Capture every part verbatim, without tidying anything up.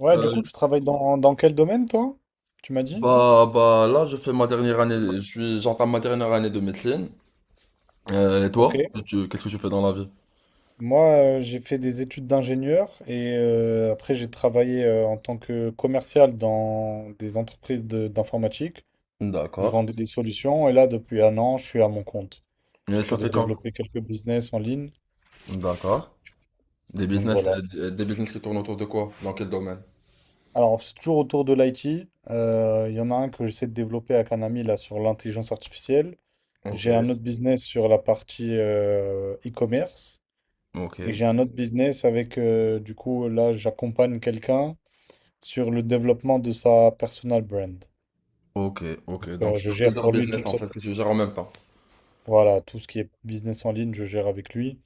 Ouais, du Euh, coup, tu travailles dans, dans quel domaine, toi? Tu m'as dit? bah, bah, là, je fais ma dernière année, je suis, j'entame ma dernière année de médecine. Euh, et Ok. toi, tu, tu- qu'est-ce que tu fais dans la vie? Moi, euh, j'ai fait des études d'ingénieur et euh, après, j'ai travaillé euh, en tant que commercial dans des entreprises de- d'informatique où je D'accord. vendais des solutions. Et là, depuis un an, je suis à mon compte. Et ça J'essaie de fait quand? développer quelques business en ligne. D'accord. Des Donc business, voilà. euh, des business qui tournent autour de quoi? Dans quel domaine? Alors, c'est toujours autour de l'i t. Euh, Il y en a un que j'essaie de développer avec un ami là sur l'intelligence artificielle. Ok, J'ai un autre business sur la partie euh, e-commerce. ok, Et j'ai un autre business avec, euh, du coup, là, j'accompagne quelqu'un sur le développement de sa personal brand. ok, ok. Donc, Euh, tu je as gère plusieurs pour lui business toute en fait sorte, que tu gères en même temps. voilà, tout ce qui est business en ligne, je gère avec lui.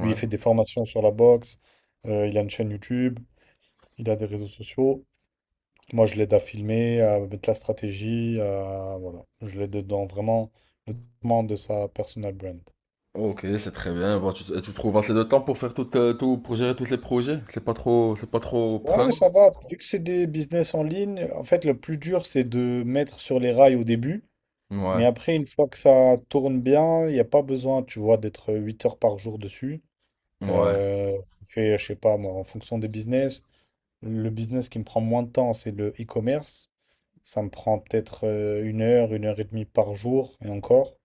Lui, il fait des formations sur la boxe, euh, il a une chaîne YouTube, il a des réseaux sociaux. Moi, je l'aide à filmer, à mettre la stratégie, à- voilà. Je l'aide dans vraiment le développement de sa personal brand. Ok, c'est très bien. Bah, tu, et tu trouves assez de temps pour faire tout, euh, tout, pour gérer tous les projets? C'est pas trop, c'est pas trop Ouais, prenant? ça va. Vu que c'est des business en ligne, en fait, le plus dur, c'est de mettre sur les rails au début. Mais Ouais, après, une fois que ça tourne bien, il n'y a pas besoin, tu vois, d'être huit heures par jour dessus. ouais, Euh, je fais, je sais pas, moi, en fonction des business, le business qui me prend moins de temps, c'est le e-commerce. Ça me prend peut-être euh, une heure, une heure et demie par jour, et encore.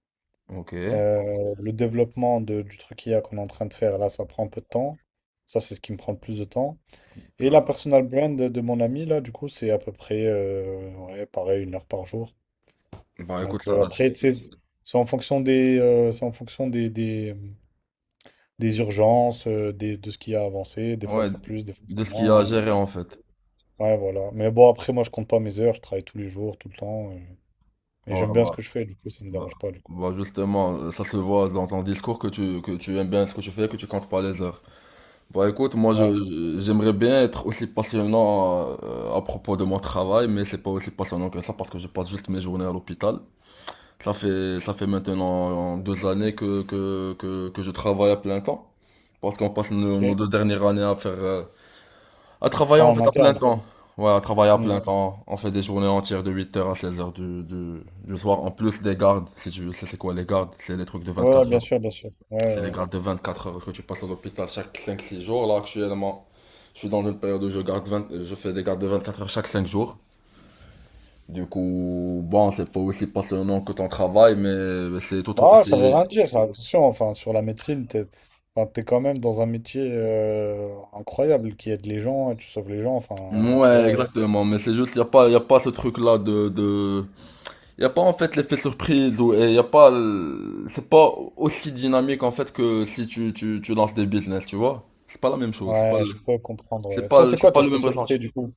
ok. Euh, le développement de- du truc I a qu'on est en train de faire, là, ça prend un peu de temps. Ça, c'est ce qui me prend le plus de temps. Et la D'accord. personal brand de mon ami, là, du coup, c'est à peu près, euh, ouais, pareil, une heure par jour. Bah écoute, Donc ça. euh, après, tu sais, c'est en fonction des, euh, c'est en fonction des, des, euh, des urgences, euh, des, de ce qui a avancé. Des fois Ouais, c'est plus, des fois de c'est ce qu'il y moins, a à mais gérer en fait. ouais, voilà. Mais bon, après, moi je compte pas mes heures, je travaille tous les jours, tout le temps, euh, et Ouais, j'aime bien ce bah, que je fais, du coup ça me bah, dérange pas, du coup. bah, justement, euh, ça se voit dans ton discours que tu, que tu aimes bien ce que tu fais, que tu comptes pas les heures. Bah écoute, moi je, Ouais, je- j'aimerais bien être aussi passionnant euh, à propos de mon travail, mais c'est pas aussi passionnant que ça parce que je passe juste mes journées à l'hôpital. Ça fait, ça fait maintenant euh, deux années que, que, que, que je travaille à plein temps. Parce qu'on passe nos, nos deux ok. dernières années à faire, euh, à travailler Ouais, en en fait à plein interne. temps. Ouais, à travailler à Mm. plein temps. On fait des journées entières de huit heures à seize heures du, du, du soir. En plus des gardes, si tu sais c'est quoi les gardes, c'est les trucs de Ouais, ouais, vingt-quatre bien heures. sûr, bien sûr. Ouais, C'est ouais. les ouais. gardes de vingt-quatre heures que tu passes à l'hôpital chaque cinq six jours. Là actuellement, je suis dans une période où je garde vingt je fais des gardes de vingt-quatre heures chaque cinq jours. Du coup, bon, c'est pas aussi passionnant que ton travail, mais c'est tout, Bah, ça veut c'est, rien dire, ça. Attention, enfin, sur la médecine, t'es, enfin, t'es quand même dans un métier euh, incroyable qui aide les gens, et tu sauves les gens, enfin, tu ouais, vois. exactement, mais c'est juste, y a pas, y a pas ce truc-là de, de, il n'y a pas en fait l'effet surprise ou et y a pas le- c'est pas aussi dynamique en fait que si tu, tu, tu lances des business, tu vois. C'est pas la même chose, c'est pas Ouais, le, je crois comprendre. C'est ouais. pas Toi, le- c'est c'est quoi pas ta le même ressenti. spécialité du coup?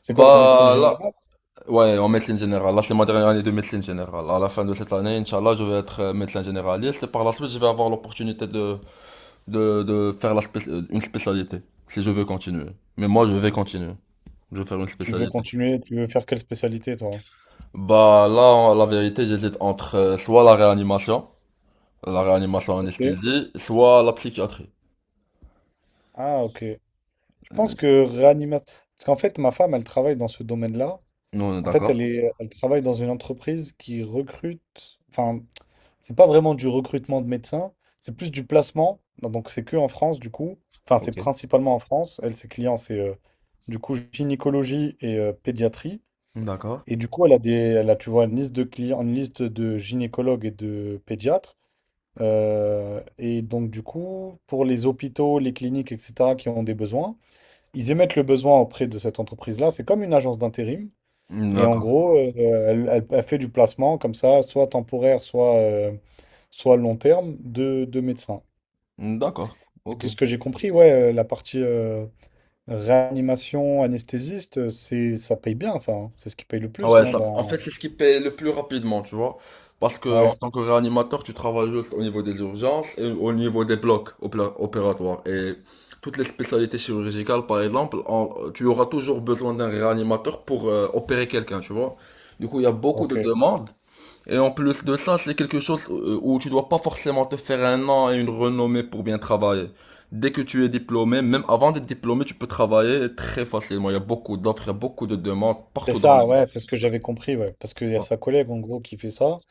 C'est quoi, c'est médecine Bah là, générale? ouais, en médecine générale, là c'est ma dernière année de médecine générale. À la fin de cette année, Inch'Allah, je vais être euh, médecin généraliste et par la suite, je vais avoir l'opportunité de, de, de faire la spé- euh, une spécialité si je veux continuer. Mais moi, je vais Et continuer. Je vais faire une tu veux spécialité. continuer, tu veux faire quelle spécialité toi? Bah là, en- la vérité, j'hésite entre euh, soit la réanimation La réanimation Ok. anesthésie, soit la psychiatrie. Ah, ok. Je pense Euh, que réanimation. Parce qu'en fait, ma femme, elle travaille dans ce domaine-là. Nous, on est En fait, elle d'accord. est... elle travaille dans une entreprise qui recrute. Enfin, c'est pas vraiment du recrutement de médecins, c'est plus du placement. Donc, c'est que en France du coup. Enfin, c'est Ok. principalement en France. Elle, ses clients, c'est euh, du coup gynécologie et euh, pédiatrie. D'accord. Et du coup, elle a des, elle a, tu vois, une liste de clients, une liste de gynécologues et de pédiatres. Euh, et donc, du coup, pour les hôpitaux, les cliniques, et cetera, qui ont des besoins, ils émettent le besoin auprès de cette entreprise-là. C'est comme une agence d'intérim. Et en D'accord. gros, euh, elle, elle- elle fait du placement comme ça, soit temporaire, soit, euh, soit long terme, de, de médecins. D'accord. Et Ok. de ce que j'ai compris, ouais, euh, la partie euh, réanimation, anesthésiste, c'est, ça paye bien, ça. Hein. C'est ce qui paye le plus, Ouais, non, ça, en fait, dans... c'est ce qui paye le plus rapidement, tu vois. Parce que en Ouais, tant que réanimateur, tu travailles juste au niveau des urgences et au niveau des blocs opé- opératoires. Et toutes les spécialités chirurgicales, par exemple, en- tu auras toujours besoin d'un réanimateur pour euh, opérer quelqu'un, tu vois. Du coup, il y a beaucoup de ok. demandes. Et en plus de ça, c'est quelque chose euh, où tu dois pas forcément te faire un an et une renommée pour bien travailler. Dès que tu es diplômé, même avant d'être diplômé, tu peux travailler très facilement. Il y a beaucoup d'offres, il y a beaucoup de demandes C'est partout dans ça, le monde. ouais, c'est ce que j'avais compris, ouais. Parce qu'il y a sa collègue, en gros, qui fait ça.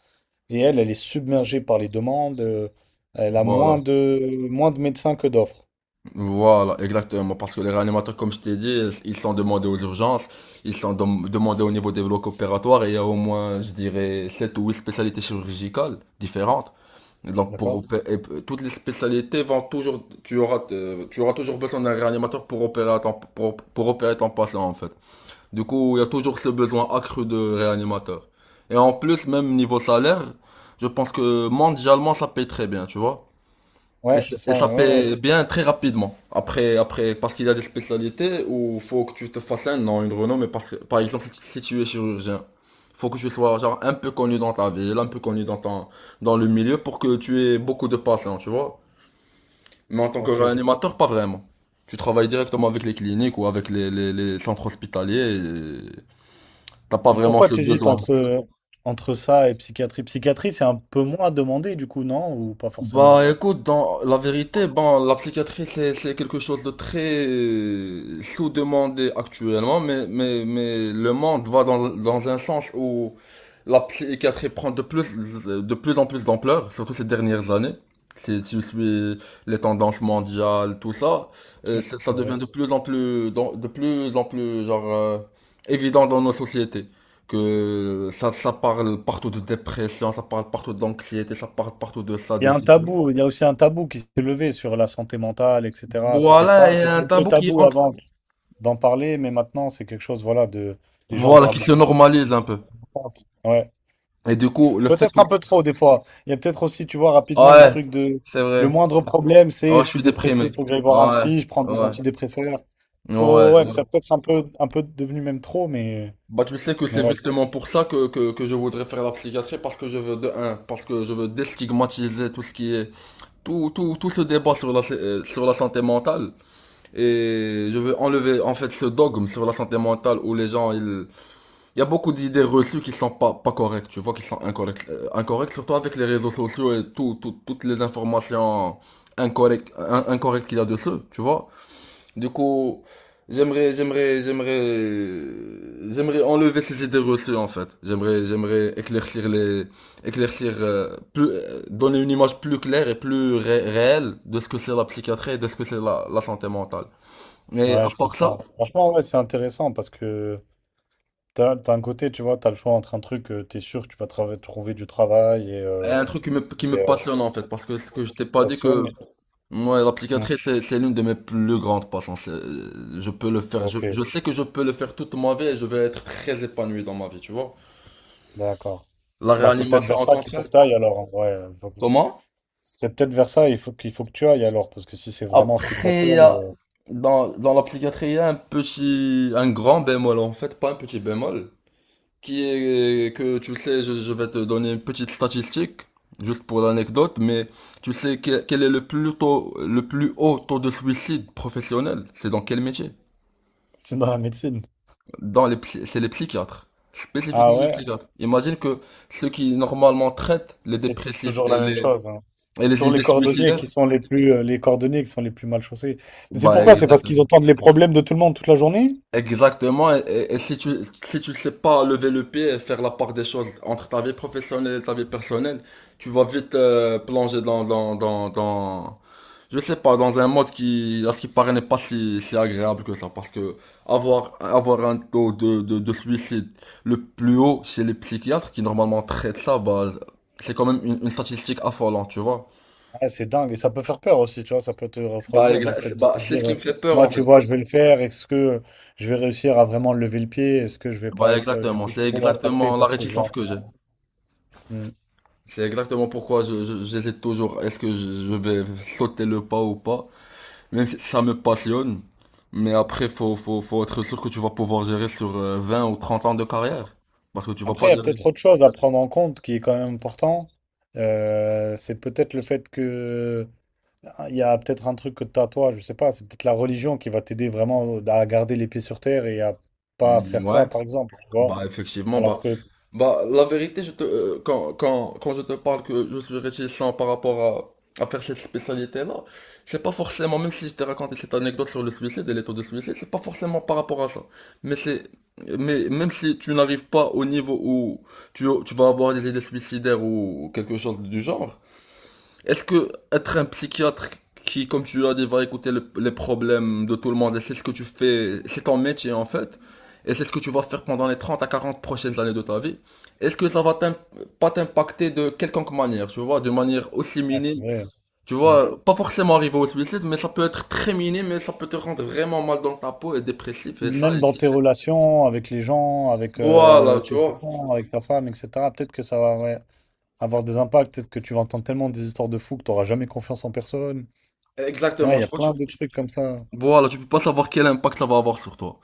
Et elle, elle est submergée par les demandes. euh, elle a moins Voilà, de, moins de médecins que d'offres. voilà, exactement. Parce que les réanimateurs, comme je t'ai dit, ils sont demandés aux urgences, ils sont dem- demandés au niveau des blocs opératoires et il y a au moins, je dirais, sept ou huit spécialités chirurgicales différentes. Et donc pour D'accord? opé- et p- toutes les spécialités vont toujours tu auras euh, tu auras toujours besoin d'un réanimateur pour opérer ton pour, pour opérer ton patient en fait. Du coup, il y a toujours ce besoin accru de réanimateur. Et en plus, même niveau salaire, je pense que mondialement ça paye très bien, tu vois. Et, Ouais, c- c'est et ça. ça Ouais, ouais, paie c'est- bien très rapidement. Après, après, parce qu'il y a des spécialités où faut que tu te fasses un nom, une renommée. Parce que, par exemple, si, tu- si tu es chirurgien, faut que tu sois genre un peu connu dans ta ville, un peu connu dans ton, dans le milieu pour que tu aies beaucoup de patients, tu vois. Mais en tant que Ok. je- réanimateur, pas vraiment. Tu travailles directement avec les cliniques ou avec les, les, les centres hospitaliers et t'as pas Et vraiment pourquoi ce t'hésites besoin. entre, entre ça et psychiatrie? Psychiatrie, c'est un peu moins demandé, du coup, non? Ou pas forcément? Bah écoute, dans la vérité, bon, la psychiatrie c'est c'est quelque chose de très euh, sous-demandé actuellement, mais mais mais le monde va dans dans un sens où la psychiatrie prend de plus de plus en plus d'ampleur, surtout ces dernières années. Si tu suis les tendances mondiales, tout ça, euh, Ouais, ça ça C'est devient vrai. de plus en plus dans- de plus en plus genre euh, évident dans nos sociétés que ça, ça parle partout de dépression, ça parle partout d'anxiété, ça parle partout de ça, Il y de a un ci, tu vois. tabou, il y a aussi un tabou qui s'est levé sur la santé mentale, et cetera. C'était Voilà, pas, et c'était un un peu tabou qui tabou entre, avant d'en parler, mais maintenant, c'est quelque chose, voilà, de... Les gens en voilà, parlent qui se beaucoup plus. ils normalise un sont peu. contents. Ouais. Et du coup, le fait Peut-être que... un peu trop, des fois. Il y a peut-être aussi, tu vois, rapidement, le Ouais, truc de... c'est Le vrai. moindre problème, c'est Ouais, je je suis suis déprimé. dépressif, faut que j'aille voir un Ouais, psy, je prends des ouais, antidépresseurs. Faut... ouais, Ouais, ouais. ça peut être un peu, un peu devenu même trop, mais... Bah, tu sais que Mais c'est ouais, justement pour ça que, que, que je voudrais faire la psychiatrie, parce que je veux, de un, parce que je veux déstigmatiser tout ce qui est, tout, tout, tout ce débat sur la, euh, sur la santé mentale. Et je veux enlever en fait ce dogme sur la santé mentale où les gens, ils... Il y a beaucoup d'idées reçues qui sont pas, pas correctes, tu vois, qui sont incorrectes, euh, incorrectes, surtout avec les réseaux sociaux et tout, tout- toutes les informations incorrectes, in- incorrectes qu'il y a dessus, tu vois. Du coup, j'aimerais, j'aimerais, j'aimerais, j'aimerais enlever ces idées reçues en fait. J'aimerais, j'aimerais éclaircir les, éclaircir euh, plus, euh, donner une image plus claire et plus ré- réelle de ce que c'est la psychiatrie et de ce que c'est la la santé mentale. je- Mais ouais, à je part ça, comprends. Franchement, ouais, c'est intéressant parce que t'as, t'as un côté, tu vois, t'as le choix entre un truc, tu t'es sûr que tu vas trava- trouver du travail et, il y euh, a un truc qui me, qui me et, euh, passionne en fait, parce que ce que je t'ai qui te pas dit que passionne. et- moi, Ouais. l'applicatrice, c'est, c'est l'une de mes plus grandes passions. C'est- euh, Je peux le faire, je, Ok. je sais que je peux le faire toute ma vie et je vais être très épanoui dans ma vie, tu vois. D'accord. La Bah, c'est peut-être réanimation, vers en ça qu'il faut contraire, que tu ailles alors. Ouais. Euh, faut- comment? C'est peut-être vers ça il faut qu'il faut que tu ailles alors, parce que si c'est vraiment ce qui te Après, il y passionne. a- euh, dans, dans l'applicatrice, il y a un petit, un grand bémol en fait, pas un petit bémol, qui est que tu sais, je, je vais te donner une petite statistique, juste pour l'anecdote, mais tu sais que- quel est le plus tôt, le plus haut taux de suicide professionnel? C'est dans quel métier? C'est dans la médecine. Dans les, psy- c'est les psychiatres, Ah spécifiquement les ouais, psychiatres. Imagine que ceux qui normalement traitent les c'est dépressifs toujours et la même les, chose. Hein. et C'est les toujours les idées cordonniers suicidaires, qui sont les plus, euh, les cordonniers qui sont les plus mal chaussés. Mais c'est bah pourquoi? C'est parce qu'ils exactement. entendent les problèmes de tout le monde toute la journée? Exactement, et, et- et si tu si tu ne sais pas lever le pied et faire la part des choses entre ta vie professionnelle et ta vie personnelle, tu vas vite euh, plonger dans dans dans dans je sais pas dans un mode qui à ce qui paraît n'est pas si si agréable que ça parce que avoir avoir un taux de de, de suicide le plus haut chez les psychiatres qui normalement traitent ça, bah c'est quand même une, une statistique affolante, tu vois. Ah, c'est dingue. Et ça peut faire peur aussi, tu vois. Ça peut te Bah, refroidir dans le fait exa- de bah te c'est ce dire, qui euh, me fait peur moi, en fait. tu vois, je vais le faire. Est-ce que je vais réussir à vraiment lever le pied? Est-ce que je vais pas Bah être, euh, du exactement, coup, c'est trop impacté exactement la par ce que je vais réticence que j'ai. entendre? Hmm. C'est exactement pourquoi je, je- j'hésite toujours. Est-ce que je, je vais sauter le pas ou pas? Même si ça me passionne. Mais après, faut, faut, faut être sûr que tu vas pouvoir gérer sur euh, vingt ou trente ans de carrière. Parce que tu vas Après, pas il y a gérer. peut-être autre chose à prendre en compte qui est quand même important. Euh, c'est peut-être le fait que Ah, Il y a peut-être un truc que t'as toi, je sais pas, c'est peut-être la religion qui va t'aider vraiment à garder les pieds sur terre et à pas Mm, faire ça, ouais. par exemple, tu vois. Bah effectivement, Alors bah, que, ouais, bah la vérité, je te, euh, quand, quand, quand je te parle que je suis réticent par rapport à, à faire cette spécialité-là, c'est pas forcément, même si je t'ai raconté cette anecdote sur le suicide et les taux de suicide, c'est pas forcément par rapport à ça. Mais c'est, mais même si tu n'arrives pas au niveau où tu, tu vas avoir des idées suicidaires ou quelque chose du genre, est-ce que être un psychiatre qui, comme tu as dit, va écouter le- les problèmes de tout le monde, et c'est ce que tu fais, c'est ton métier en fait, et c'est ce que tu vas faire pendant les trente à quarante prochaines années de ta vie, est-ce que ça va t'im- pas t'impacter de quelconque manière, tu vois, de manière aussi c'est minime, vrai. Hein. tu Mm. vois, pas forcément arriver au suicide, mais ça peut être très minime, mais ça peut te rendre vraiment mal dans ta peau et dépressif, et ça, Même et dans ça. tes relations avec les gens, avec euh, Voilà, tu tes vois, enfants, avec ta femme, et cetera, peut-être que ça va ouais, avoir des impacts, peut-être que tu vas entendre tellement des histoires de fous que tu n'auras jamais confiance en personne. Ouais, exactement, il y a tu vois, tu, plein de trucs comme ça. voilà, tu peux pas savoir quel impact ça va avoir sur toi.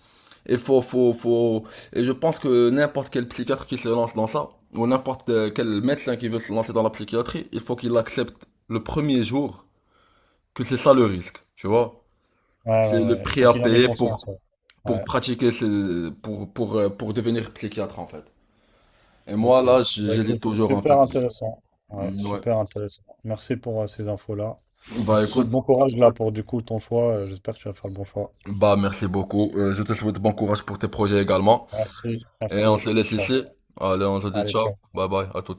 Et faut, faut, faut. Et je pense que n'importe quel psychiatre qui se lance dans ça, ou n'importe euh, quel médecin qui veut se lancer dans la psychiatrie, il faut qu'il accepte le premier jour que c'est ça le risque, tu vois. Ouais, C'est ouais, le ouais, il prix faut à qu'il en ait payer pour, conscience. Ouais. pour Ouais. pratiquer, ce- pour, pour, euh, pour devenir psychiatre, en fait. Et moi, Ok. là, j- Bah, j'hésite écoute, toujours, en fait. super intéressant. Ouais, Mm, ouais. super intéressant. Merci pour euh, ces infos-là. Je Bah, te souhaite écoute, bon courage là pour du coup ton choix. Euh, J'espère que tu vas faire le bon choix. bah, merci beaucoup. Euh, je te souhaite bon courage pour tes projets également. Merci, Et on merci. se laisse Ciao. ici. Allez, on se dit Allez, ciao. ciao. Bye bye, à tout.